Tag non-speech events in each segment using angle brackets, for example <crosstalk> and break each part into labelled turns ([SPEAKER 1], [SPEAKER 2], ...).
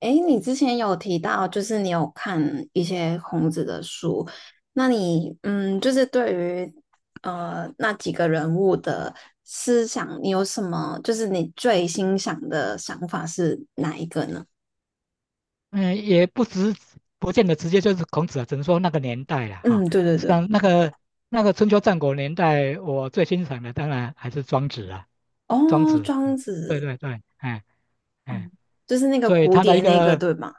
[SPEAKER 1] 哎，你之前有提到，就是你有看一些孔子的书，那你就是对于那几个人物的思想，你有什么？就是你最欣赏的想法是哪一个呢？
[SPEAKER 2] 嗯，也不直，不见得直接就是孔子啊，只能说那个年代了哈。
[SPEAKER 1] 嗯，对对
[SPEAKER 2] 实际
[SPEAKER 1] 对。
[SPEAKER 2] 上，那个春秋战国年代，我最欣赏的当然还是庄子啊。庄
[SPEAKER 1] 哦，
[SPEAKER 2] 子，
[SPEAKER 1] 庄
[SPEAKER 2] 对
[SPEAKER 1] 子
[SPEAKER 2] 对对，哎哎，
[SPEAKER 1] 就是那个
[SPEAKER 2] 所以
[SPEAKER 1] 蝴
[SPEAKER 2] 他的
[SPEAKER 1] 蝶
[SPEAKER 2] 一
[SPEAKER 1] 那个
[SPEAKER 2] 个，
[SPEAKER 1] 对吗？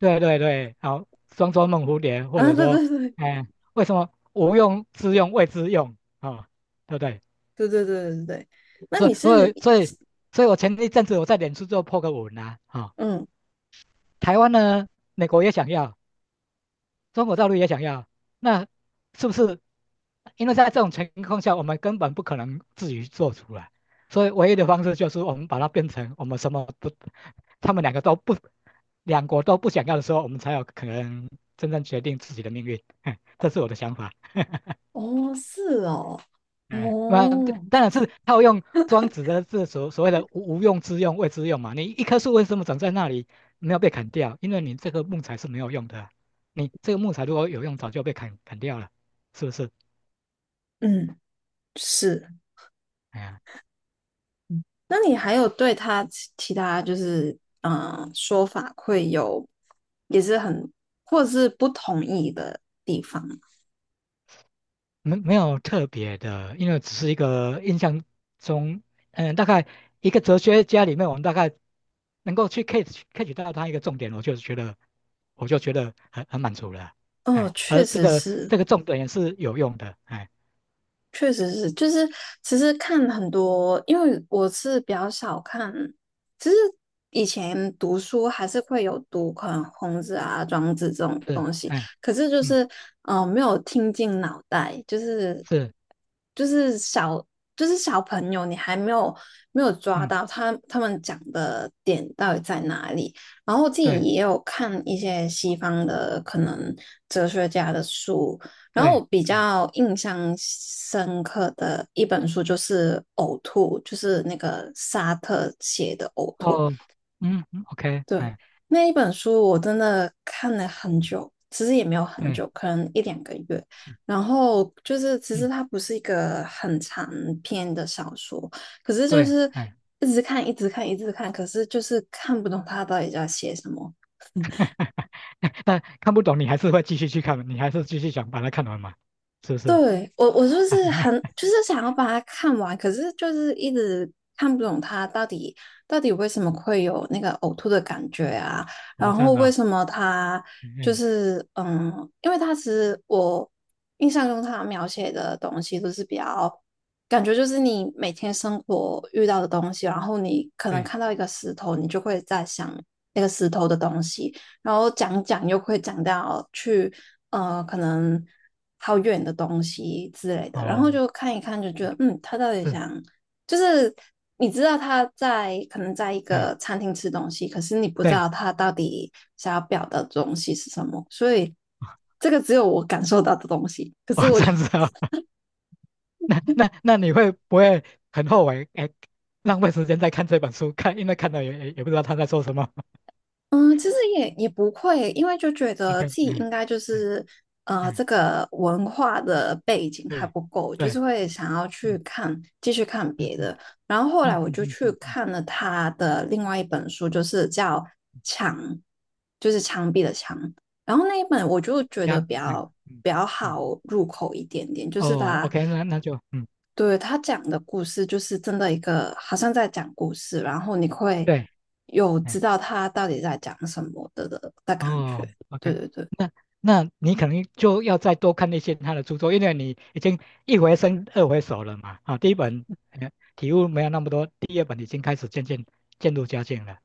[SPEAKER 2] 对对对，好，庄周梦蝴蝶，
[SPEAKER 1] <laughs>
[SPEAKER 2] 或
[SPEAKER 1] 啊，
[SPEAKER 2] 者
[SPEAKER 1] 对
[SPEAKER 2] 说，
[SPEAKER 1] 对对
[SPEAKER 2] 哎，为什么无用之用谓之用啊、哦，对不对？
[SPEAKER 1] 对对对对对。那
[SPEAKER 2] 所以
[SPEAKER 1] 你
[SPEAKER 2] 所
[SPEAKER 1] 是
[SPEAKER 2] 以所以，所以我前一阵子我在脸书就破个文啊。啊、
[SPEAKER 1] 嗯。
[SPEAKER 2] 台湾呢，美国也想要，中国道路也想要，那是不是？因为在这种情况下，我们根本不可能自己做出来，所以唯一的方式就是我们把它变成我们什么不，他们两个都不，两国都不想要的时候，我们才有可能真正决定自己的命运。<laughs> 这是我的想法。
[SPEAKER 1] 哦，是哦。
[SPEAKER 2] 哎，那
[SPEAKER 1] 哦。
[SPEAKER 2] 当然是套用庄子的这所谓的无用之用、谓之用嘛。你一棵树为什么长在那里没有被砍掉？因为你这个木材是没有用的啊，你这个木材如果有用，早就被砍掉了，是不是？
[SPEAKER 1] 嗯，是。
[SPEAKER 2] 哎呀，
[SPEAKER 1] 那你还有对他其他就是说法会有也是很或者是不同意的地方吗？
[SPEAKER 2] 没有特别的，因为只是一个印象中。嗯，大概一个哲学家里面，我们大概能够去 catch 到他一个重点，我就觉得很满足了啊。
[SPEAKER 1] 哦，
[SPEAKER 2] 哎，
[SPEAKER 1] 确
[SPEAKER 2] 而这
[SPEAKER 1] 实
[SPEAKER 2] 个
[SPEAKER 1] 是
[SPEAKER 2] 这个重点也是有用的，哎。
[SPEAKER 1] 确实是。就是其实看很多，因为我是比较少看，其实以前读书还是会有读可能孔子啊、庄子这种
[SPEAKER 2] 是，
[SPEAKER 1] 东西，
[SPEAKER 2] 哎，
[SPEAKER 1] 可是就
[SPEAKER 2] 嗯，
[SPEAKER 1] 是没有听进脑袋，就是
[SPEAKER 2] 是，
[SPEAKER 1] 就是小就是小朋友，你还没有没有抓
[SPEAKER 2] 嗯，
[SPEAKER 1] 到他们讲的点到底在哪里。然后我自己
[SPEAKER 2] 对
[SPEAKER 1] 也有看一些西方的可能哲学家的书，然后
[SPEAKER 2] 对，
[SPEAKER 1] 我比较印象深刻的一本书就是《呕吐》，就是那个沙特写的《呕吐》。
[SPEAKER 2] 哦，嗯嗯，OK，
[SPEAKER 1] 对，
[SPEAKER 2] 哎，
[SPEAKER 1] 那一本书我真的看了很久，其实也没有很
[SPEAKER 2] 对，
[SPEAKER 1] 久，可能一两个月。
[SPEAKER 2] 是，
[SPEAKER 1] 然后就是其实
[SPEAKER 2] 嗯，
[SPEAKER 1] 它不是一个很长篇的小说，可是就
[SPEAKER 2] 对，
[SPEAKER 1] 是
[SPEAKER 2] 哎，
[SPEAKER 1] 一直看，一直看，一直看，可是就是看不懂他到底在写什么。
[SPEAKER 2] <laughs> 那看不懂你还是会继续去看，你还是继续想把它看完嘛，是不是？
[SPEAKER 1] 对，我，我就是
[SPEAKER 2] <laughs>
[SPEAKER 1] 很，就是想要把它看完，可是就是一直看不懂它到底为什么会有那个呕吐的感觉啊，然
[SPEAKER 2] 哦，这
[SPEAKER 1] 后
[SPEAKER 2] 样子
[SPEAKER 1] 为
[SPEAKER 2] 啊，
[SPEAKER 1] 什么它
[SPEAKER 2] 嗯，
[SPEAKER 1] 就
[SPEAKER 2] 嗯
[SPEAKER 1] 是因为它其实我印象中它描写的东西都是比较感觉就是你每天生活遇到的东西，然后你可能
[SPEAKER 2] 对，
[SPEAKER 1] 看到一个石头，你就会在想那个石头的东西，然后讲讲又会讲到去。可能好远的东西之类的，然后
[SPEAKER 2] 哦，
[SPEAKER 1] 就看一看，就觉得，他到底
[SPEAKER 2] 是，
[SPEAKER 1] 想，就是你知道他在可能在一
[SPEAKER 2] 对
[SPEAKER 1] 个餐厅吃东西，可是你不知
[SPEAKER 2] 对，
[SPEAKER 1] 道他到底想要表达的东西是什么，所以这个只有我感受到的东西，可
[SPEAKER 2] 哦，
[SPEAKER 1] 是我
[SPEAKER 2] 这
[SPEAKER 1] 就。
[SPEAKER 2] 样子啊，<laughs> 那你会不会很后悔？哎，浪费时间在看这本书，因为看到也不知道他在说什么。
[SPEAKER 1] 嗯，其实也也不会，因为就觉
[SPEAKER 2] <laughs>
[SPEAKER 1] 得自
[SPEAKER 2] OK，
[SPEAKER 1] 己
[SPEAKER 2] 嗯
[SPEAKER 1] 应该就
[SPEAKER 2] 嗯
[SPEAKER 1] 是
[SPEAKER 2] 嗯，
[SPEAKER 1] 这个文化的背景还
[SPEAKER 2] 对
[SPEAKER 1] 不够，就
[SPEAKER 2] 对，
[SPEAKER 1] 是会想要去
[SPEAKER 2] 嗯
[SPEAKER 1] 看，继续看
[SPEAKER 2] 嗯
[SPEAKER 1] 别
[SPEAKER 2] 嗯
[SPEAKER 1] 的。然后后来
[SPEAKER 2] 嗯
[SPEAKER 1] 我
[SPEAKER 2] 嗯
[SPEAKER 1] 就
[SPEAKER 2] 嗯
[SPEAKER 1] 去
[SPEAKER 2] 嗯嗯。
[SPEAKER 1] 看了他的另外一本书，就是叫《墙》，就是墙壁的墙。然后那一本我就觉
[SPEAKER 2] 这
[SPEAKER 1] 得
[SPEAKER 2] 样，嗯嗯
[SPEAKER 1] 比较
[SPEAKER 2] 嗯，
[SPEAKER 1] 好入口一点点，就是
[SPEAKER 2] 哦
[SPEAKER 1] 它。
[SPEAKER 2] ，OK，那那就嗯，
[SPEAKER 1] 对，他讲的故事就是真的一个好像在讲故事，然后你会
[SPEAKER 2] 对，
[SPEAKER 1] 有
[SPEAKER 2] 嗯，
[SPEAKER 1] 知道他到底在讲什么的感觉。
[SPEAKER 2] 哦
[SPEAKER 1] 对
[SPEAKER 2] ，OK，
[SPEAKER 1] 对对。
[SPEAKER 2] 那那你可能就要再多看一些他的著作，因为你已经一回生二回熟了嘛。啊，第一本体悟没有那么多，第二本已经开始渐入佳境了。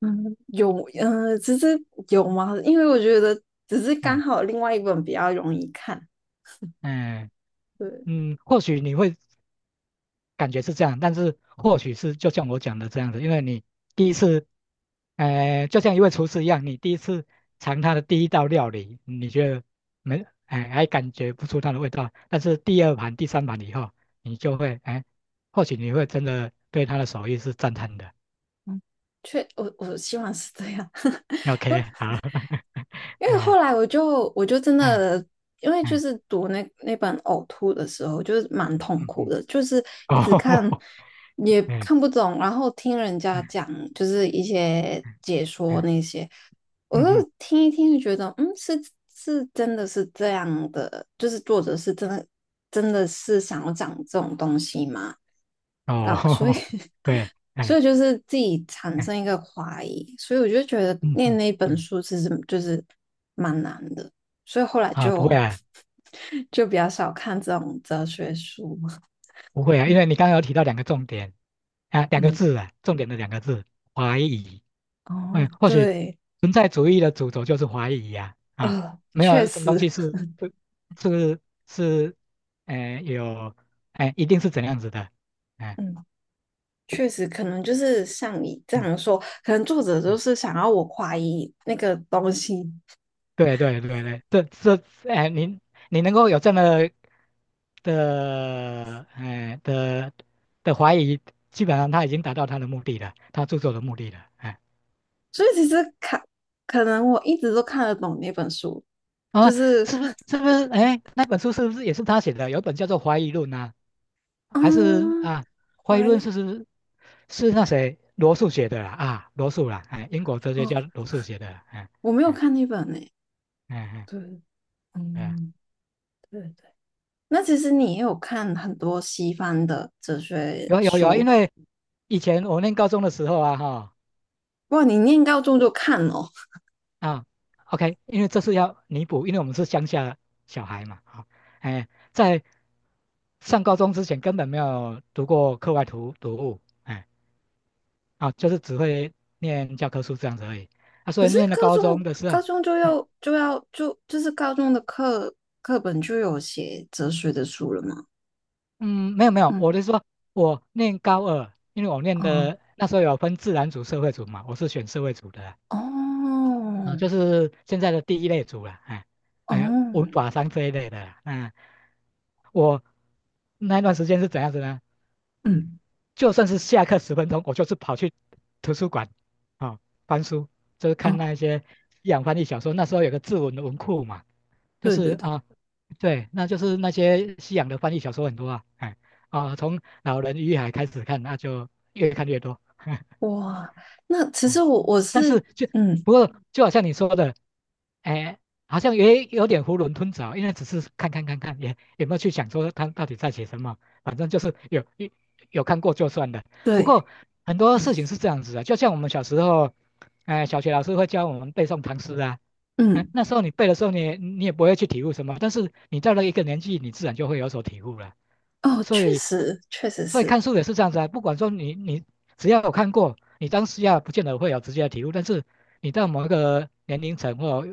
[SPEAKER 1] 嗯，有。嗯，只是有吗？因为我觉得只是刚
[SPEAKER 2] 嗯
[SPEAKER 1] 好另外一本比较容易看。
[SPEAKER 2] 嗯
[SPEAKER 1] 对，
[SPEAKER 2] 嗯，或许你会感觉是这样，但是或许是就像我讲的这样子，因为你第一次，呃，就像一位厨师一样，你第一次尝他的第一道料理，你觉得没，哎，还感觉不出它的味道，但是第二盘、第三盘以后，你就会，哎，或许你会真的对他的手艺是赞叹的。
[SPEAKER 1] 确，我我希望是这样。
[SPEAKER 2] OK，
[SPEAKER 1] <laughs>
[SPEAKER 2] 好。<laughs>
[SPEAKER 1] 因为
[SPEAKER 2] 对
[SPEAKER 1] 后
[SPEAKER 2] 啊，
[SPEAKER 1] 来我就真
[SPEAKER 2] 嗯
[SPEAKER 1] 的，因为就
[SPEAKER 2] 嗯
[SPEAKER 1] 是读那本呕吐的时候，就是蛮痛
[SPEAKER 2] 嗯
[SPEAKER 1] 苦
[SPEAKER 2] 嗯，
[SPEAKER 1] 的，就是一直
[SPEAKER 2] 哦，
[SPEAKER 1] 看也
[SPEAKER 2] <laughs> 嗯
[SPEAKER 1] 看不懂，然后听人家讲
[SPEAKER 2] 嗯
[SPEAKER 1] 就是一些解说
[SPEAKER 2] 嗯
[SPEAKER 1] 那些，我
[SPEAKER 2] 嗯
[SPEAKER 1] 就
[SPEAKER 2] 嗯，
[SPEAKER 1] 听一听就觉得，嗯，是真的是这样的，就是作者是真的真的是想要讲这种东西吗？啊，所以
[SPEAKER 2] 哦，<laughs> 对，
[SPEAKER 1] <laughs> 所
[SPEAKER 2] 哎
[SPEAKER 1] 以就是自己产生一
[SPEAKER 2] 哎
[SPEAKER 1] 个怀疑，所以我就觉得
[SPEAKER 2] 嗯
[SPEAKER 1] 念
[SPEAKER 2] 嗯
[SPEAKER 1] 那本
[SPEAKER 2] 嗯，
[SPEAKER 1] 书其实就是蛮难的，所以后来
[SPEAKER 2] 啊，不会
[SPEAKER 1] 就
[SPEAKER 2] 啊。
[SPEAKER 1] <laughs> 就比较少看这种哲学书。<laughs>
[SPEAKER 2] 不会啊，因为你刚刚有提到两个重点啊，两个
[SPEAKER 1] 嗯。
[SPEAKER 2] 字啊，重点的两个字，怀疑。嗯，
[SPEAKER 1] 哦，
[SPEAKER 2] 或许
[SPEAKER 1] 对。
[SPEAKER 2] 存在主义的主轴就是怀疑呀。啊，啊没
[SPEAKER 1] 确
[SPEAKER 2] 有什么东
[SPEAKER 1] 实。
[SPEAKER 2] 西是是，呃，有，哎、一定是怎样子的，哎、
[SPEAKER 1] 嗯，确实，可能就是像你这
[SPEAKER 2] 嗯
[SPEAKER 1] 样说，可能作者
[SPEAKER 2] 嗯，
[SPEAKER 1] 就是想要我怀疑那个东西，
[SPEAKER 2] 对对对对，这，哎、你能够有这么的，哎、呃的的怀疑，基本上他已经达到他的目的了，他著作的目的了。哎、
[SPEAKER 1] 所以其实看，可能我一直都看得懂那本书，
[SPEAKER 2] 啊，
[SPEAKER 1] 就是，
[SPEAKER 2] 是不是？哎，那本书是不是也是他写的？有一本叫做《怀疑论》啊，
[SPEAKER 1] <laughs>
[SPEAKER 2] 还是
[SPEAKER 1] 嗯，
[SPEAKER 2] 啊，《怀疑
[SPEAKER 1] 怀
[SPEAKER 2] 论》
[SPEAKER 1] 疑。
[SPEAKER 2] 是那谁罗素写的啦。啊，罗素啦，哎，英国哲学
[SPEAKER 1] 哦，
[SPEAKER 2] 家罗素写的啦。哎
[SPEAKER 1] 我没有
[SPEAKER 2] 哎
[SPEAKER 1] 看那本呢。
[SPEAKER 2] 哎
[SPEAKER 1] 对，
[SPEAKER 2] 哎，哎
[SPEAKER 1] 嗯，对对。那其实你也有看很多西方的哲学
[SPEAKER 2] 有有有，因
[SPEAKER 1] 书。
[SPEAKER 2] 为以前我念高中的时候啊，哈
[SPEAKER 1] 哇，你念高中就看哦。
[SPEAKER 2] 啊，OK，因为这是要弥补，因为我们是乡下小孩嘛。啊，哎，在上高中之前根本没有读过课外读物，哎。啊，就是只会念教科书这样子而已。啊，
[SPEAKER 1] 可
[SPEAKER 2] 所以
[SPEAKER 1] 是
[SPEAKER 2] 念了
[SPEAKER 1] 高
[SPEAKER 2] 高中
[SPEAKER 1] 中
[SPEAKER 2] 的时候，
[SPEAKER 1] 高中就
[SPEAKER 2] 嗯
[SPEAKER 1] 要就要就就是高中的课课本就有写哲学的书了嘛？
[SPEAKER 2] 嗯没有没有，
[SPEAKER 1] 嗯。
[SPEAKER 2] 我是说我念高二，因为我念
[SPEAKER 1] 哦
[SPEAKER 2] 的那时候有分自然组、社会组嘛，我是选社会组的
[SPEAKER 1] 哦
[SPEAKER 2] 啦，啊，就是现在的第一类组啦。哎
[SPEAKER 1] 哦。
[SPEAKER 2] 哎，文法商这一类的啦。那、我那一段时间是怎样子呢？
[SPEAKER 1] 嗯。
[SPEAKER 2] 就算是下课10分钟，我就是跑去图书馆，啊、哦翻书，就是
[SPEAKER 1] 哦，
[SPEAKER 2] 看那一些西洋翻译小说。那时候有个志文的文库嘛，就
[SPEAKER 1] 对
[SPEAKER 2] 是
[SPEAKER 1] 对对。
[SPEAKER 2] 啊，对，那就是那些西洋的翻译小说很多啊。哎啊，从《老人与海》开始看，那就越看越多。<laughs>
[SPEAKER 1] 哇，那其
[SPEAKER 2] 哎
[SPEAKER 1] 实我我
[SPEAKER 2] 但
[SPEAKER 1] 是。
[SPEAKER 2] 是就
[SPEAKER 1] 嗯。
[SPEAKER 2] 不过就好像你说的，哎，好像也有点囫囵吞枣，因为只是看看看看，也没有去想说他到底在写什么，反正就是有看过就算了。不
[SPEAKER 1] 对。
[SPEAKER 2] 过很多
[SPEAKER 1] 嗯。
[SPEAKER 2] 事情是这样子的，就像我们小时候，哎，小学老师会教我们背诵唐诗啊。哎，
[SPEAKER 1] 嗯。
[SPEAKER 2] 那时候你背的时候你也不会去体悟什么，但是你到了一个年纪，你自然就会有所体悟了。
[SPEAKER 1] 哦，
[SPEAKER 2] 所
[SPEAKER 1] 确
[SPEAKER 2] 以
[SPEAKER 1] 实确实
[SPEAKER 2] 所以
[SPEAKER 1] 是。
[SPEAKER 2] 看书也是这样子啊，不管说你只要有看过，你当下不见得会有直接的体悟，但是你到某一个年龄层，或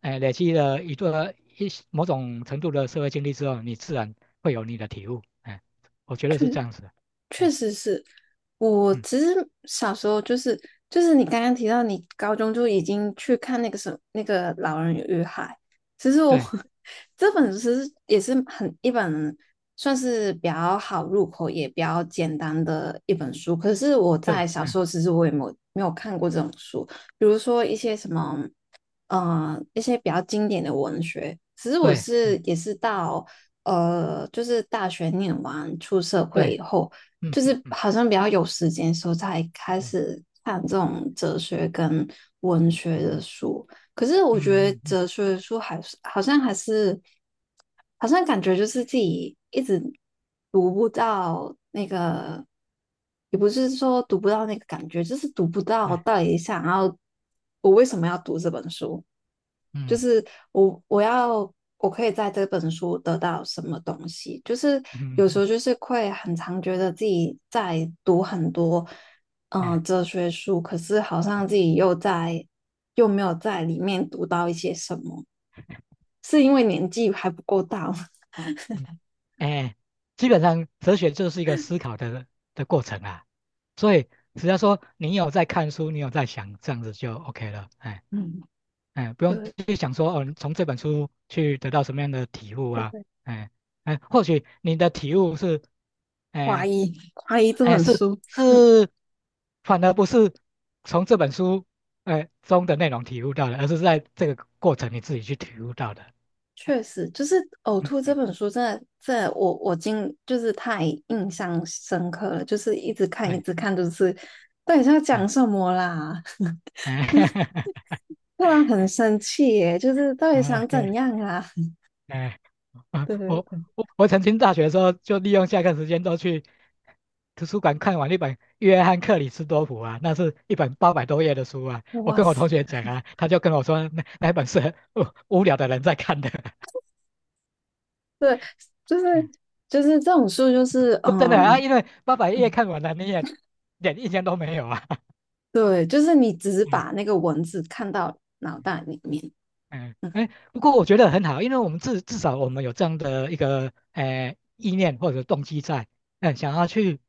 [SPEAKER 2] 哎累积了一个一某种程度的社会经历之后，你自然会有你的体悟。哎，我觉得是这样子的。
[SPEAKER 1] 确
[SPEAKER 2] 嗯
[SPEAKER 1] 实是，我
[SPEAKER 2] 嗯，
[SPEAKER 1] 其实小时候就是就是你刚刚提到你高中就已经去看那个什么那个《老人与海》，其实我
[SPEAKER 2] 对
[SPEAKER 1] <laughs> 这本其实也是很一本算是比较好入口也比较简单的一本书，可是我
[SPEAKER 2] 对，
[SPEAKER 1] 在小
[SPEAKER 2] 嗯
[SPEAKER 1] 时候其实我也没有没有看过这种书，比如说一些什么一些比较经典的文学。其实我
[SPEAKER 2] 对，
[SPEAKER 1] 是
[SPEAKER 2] 嗯
[SPEAKER 1] 也是到就是大学念完出社会
[SPEAKER 2] 对，
[SPEAKER 1] 以后，
[SPEAKER 2] 嗯
[SPEAKER 1] 就
[SPEAKER 2] 嗯
[SPEAKER 1] 是
[SPEAKER 2] 嗯
[SPEAKER 1] 好像比较有时间的时候才开
[SPEAKER 2] 对，
[SPEAKER 1] 始看这种哲学跟文学的书。可是我
[SPEAKER 2] 嗯
[SPEAKER 1] 觉得
[SPEAKER 2] 嗯嗯
[SPEAKER 1] 哲学的书还是好像感觉就是自己一直读不到，也不是说读不到那个感觉，就是读不到
[SPEAKER 2] 对，
[SPEAKER 1] 到底想要我为什么要读这本书。就
[SPEAKER 2] 嗯
[SPEAKER 1] 是我要我可以在这本书得到什么东西？就是
[SPEAKER 2] 嗯嗯
[SPEAKER 1] 有时
[SPEAKER 2] 嗯
[SPEAKER 1] 候就是会很常觉得自己在读很多
[SPEAKER 2] 哎嗯。嗯嗯嗯嗯嗯嗯嗯嗯嗯
[SPEAKER 1] 哲学书，可是好像自己又在又没有在里面读到一些什么，是因为年纪还不够大吗？
[SPEAKER 2] 嗯哎，基本上哲学就是一个思考的过程啊。所以只要说你有在看书，你有在想，这样子就 OK 了。哎
[SPEAKER 1] 嗯，
[SPEAKER 2] 哎，不用
[SPEAKER 1] 对，
[SPEAKER 2] 去想说哦，你从这本书去得到什么样的体悟啊。
[SPEAKER 1] 会
[SPEAKER 2] 哎哎，或许你的体悟是，
[SPEAKER 1] 怀
[SPEAKER 2] 哎
[SPEAKER 1] 疑怀疑 <laughs> 这
[SPEAKER 2] 哎
[SPEAKER 1] 本
[SPEAKER 2] 是
[SPEAKER 1] 书。
[SPEAKER 2] 是。反而不是从这本书哎中的内容体悟到的，而是在这个过程你自己去体悟到的。
[SPEAKER 1] 确实，就是《呕
[SPEAKER 2] 嗯
[SPEAKER 1] 吐》这
[SPEAKER 2] 嗯，
[SPEAKER 1] 本书真的，真的，我我今就是太印象深刻了，就是一直看一
[SPEAKER 2] 哎
[SPEAKER 1] 直看，就是到底是要讲什
[SPEAKER 2] 哎
[SPEAKER 1] 么啦？<laughs>
[SPEAKER 2] 哎
[SPEAKER 1] 让人很生气耶，就是到底
[SPEAKER 2] <laughs>
[SPEAKER 1] 想怎
[SPEAKER 2] ，OK。
[SPEAKER 1] 样啊？
[SPEAKER 2] 哎，啊
[SPEAKER 1] <laughs>
[SPEAKER 2] 啊
[SPEAKER 1] 对对
[SPEAKER 2] 我
[SPEAKER 1] 对。
[SPEAKER 2] 我曾经大学的时候就利用下课时间都去图书馆看完一本《约翰克里斯多普》啊，那是一本800多页的书啊。我
[SPEAKER 1] 哇
[SPEAKER 2] 跟我同
[SPEAKER 1] 塞。
[SPEAKER 2] 学讲啊，他就跟我说那那本是无聊的人在看的。<laughs>
[SPEAKER 1] 对，就是
[SPEAKER 2] 嗯
[SPEAKER 1] 就是这种书，就是
[SPEAKER 2] 说真的啊，因为800页
[SPEAKER 1] 嗯，
[SPEAKER 2] 看完了，你也点印象都没有啊。
[SPEAKER 1] 对，就是你只是把
[SPEAKER 2] <laughs>
[SPEAKER 1] 那个文字看到脑袋里面。
[SPEAKER 2] 嗯，
[SPEAKER 1] 嗯。
[SPEAKER 2] 哎，不过我觉得很好，因为我们至少我们有这样的一个意念或者动机在。嗯，想要去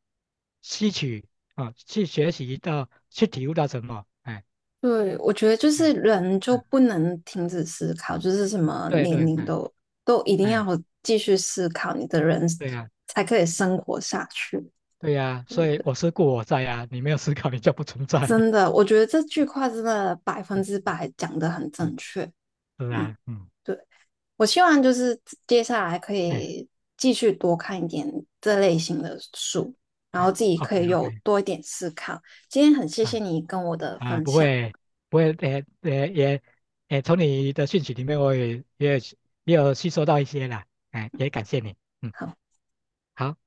[SPEAKER 2] 吸取啊，去学习到，去体悟到什么，哎，
[SPEAKER 1] 对，我觉得就是
[SPEAKER 2] 嗯
[SPEAKER 1] 人就
[SPEAKER 2] 嗯，
[SPEAKER 1] 不能停止思考，就是什么
[SPEAKER 2] 对
[SPEAKER 1] 年
[SPEAKER 2] 对，
[SPEAKER 1] 龄
[SPEAKER 2] 哎
[SPEAKER 1] 都都一定要
[SPEAKER 2] 哎，
[SPEAKER 1] 继续思考，你的人
[SPEAKER 2] 对呀、
[SPEAKER 1] 才可以生活下去，
[SPEAKER 2] 对呀、
[SPEAKER 1] 对不
[SPEAKER 2] 所以
[SPEAKER 1] 对？
[SPEAKER 2] 我思故我在呀。你没有思考，你就不存在。
[SPEAKER 1] 真的，我觉得这句话真的百分之
[SPEAKER 2] <laughs>
[SPEAKER 1] 百讲的很
[SPEAKER 2] 嗯，
[SPEAKER 1] 正确。
[SPEAKER 2] 是
[SPEAKER 1] 嗯，
[SPEAKER 2] 啊，嗯，
[SPEAKER 1] 对，我希望就是接下来可
[SPEAKER 2] 哎
[SPEAKER 1] 以继续多看一点这类型的书，然后
[SPEAKER 2] 哎
[SPEAKER 1] 自己可
[SPEAKER 2] ，OK
[SPEAKER 1] 以有
[SPEAKER 2] OK。
[SPEAKER 1] 多一点思考。今天很谢谢
[SPEAKER 2] 啊。
[SPEAKER 1] 你跟我的
[SPEAKER 2] 啊，
[SPEAKER 1] 分
[SPEAKER 2] 不
[SPEAKER 1] 享。
[SPEAKER 2] 会，不会，也，也从你的讯息里面，我也有吸收到一些啦，哎、也感谢你，嗯，
[SPEAKER 1] 好。
[SPEAKER 2] 好。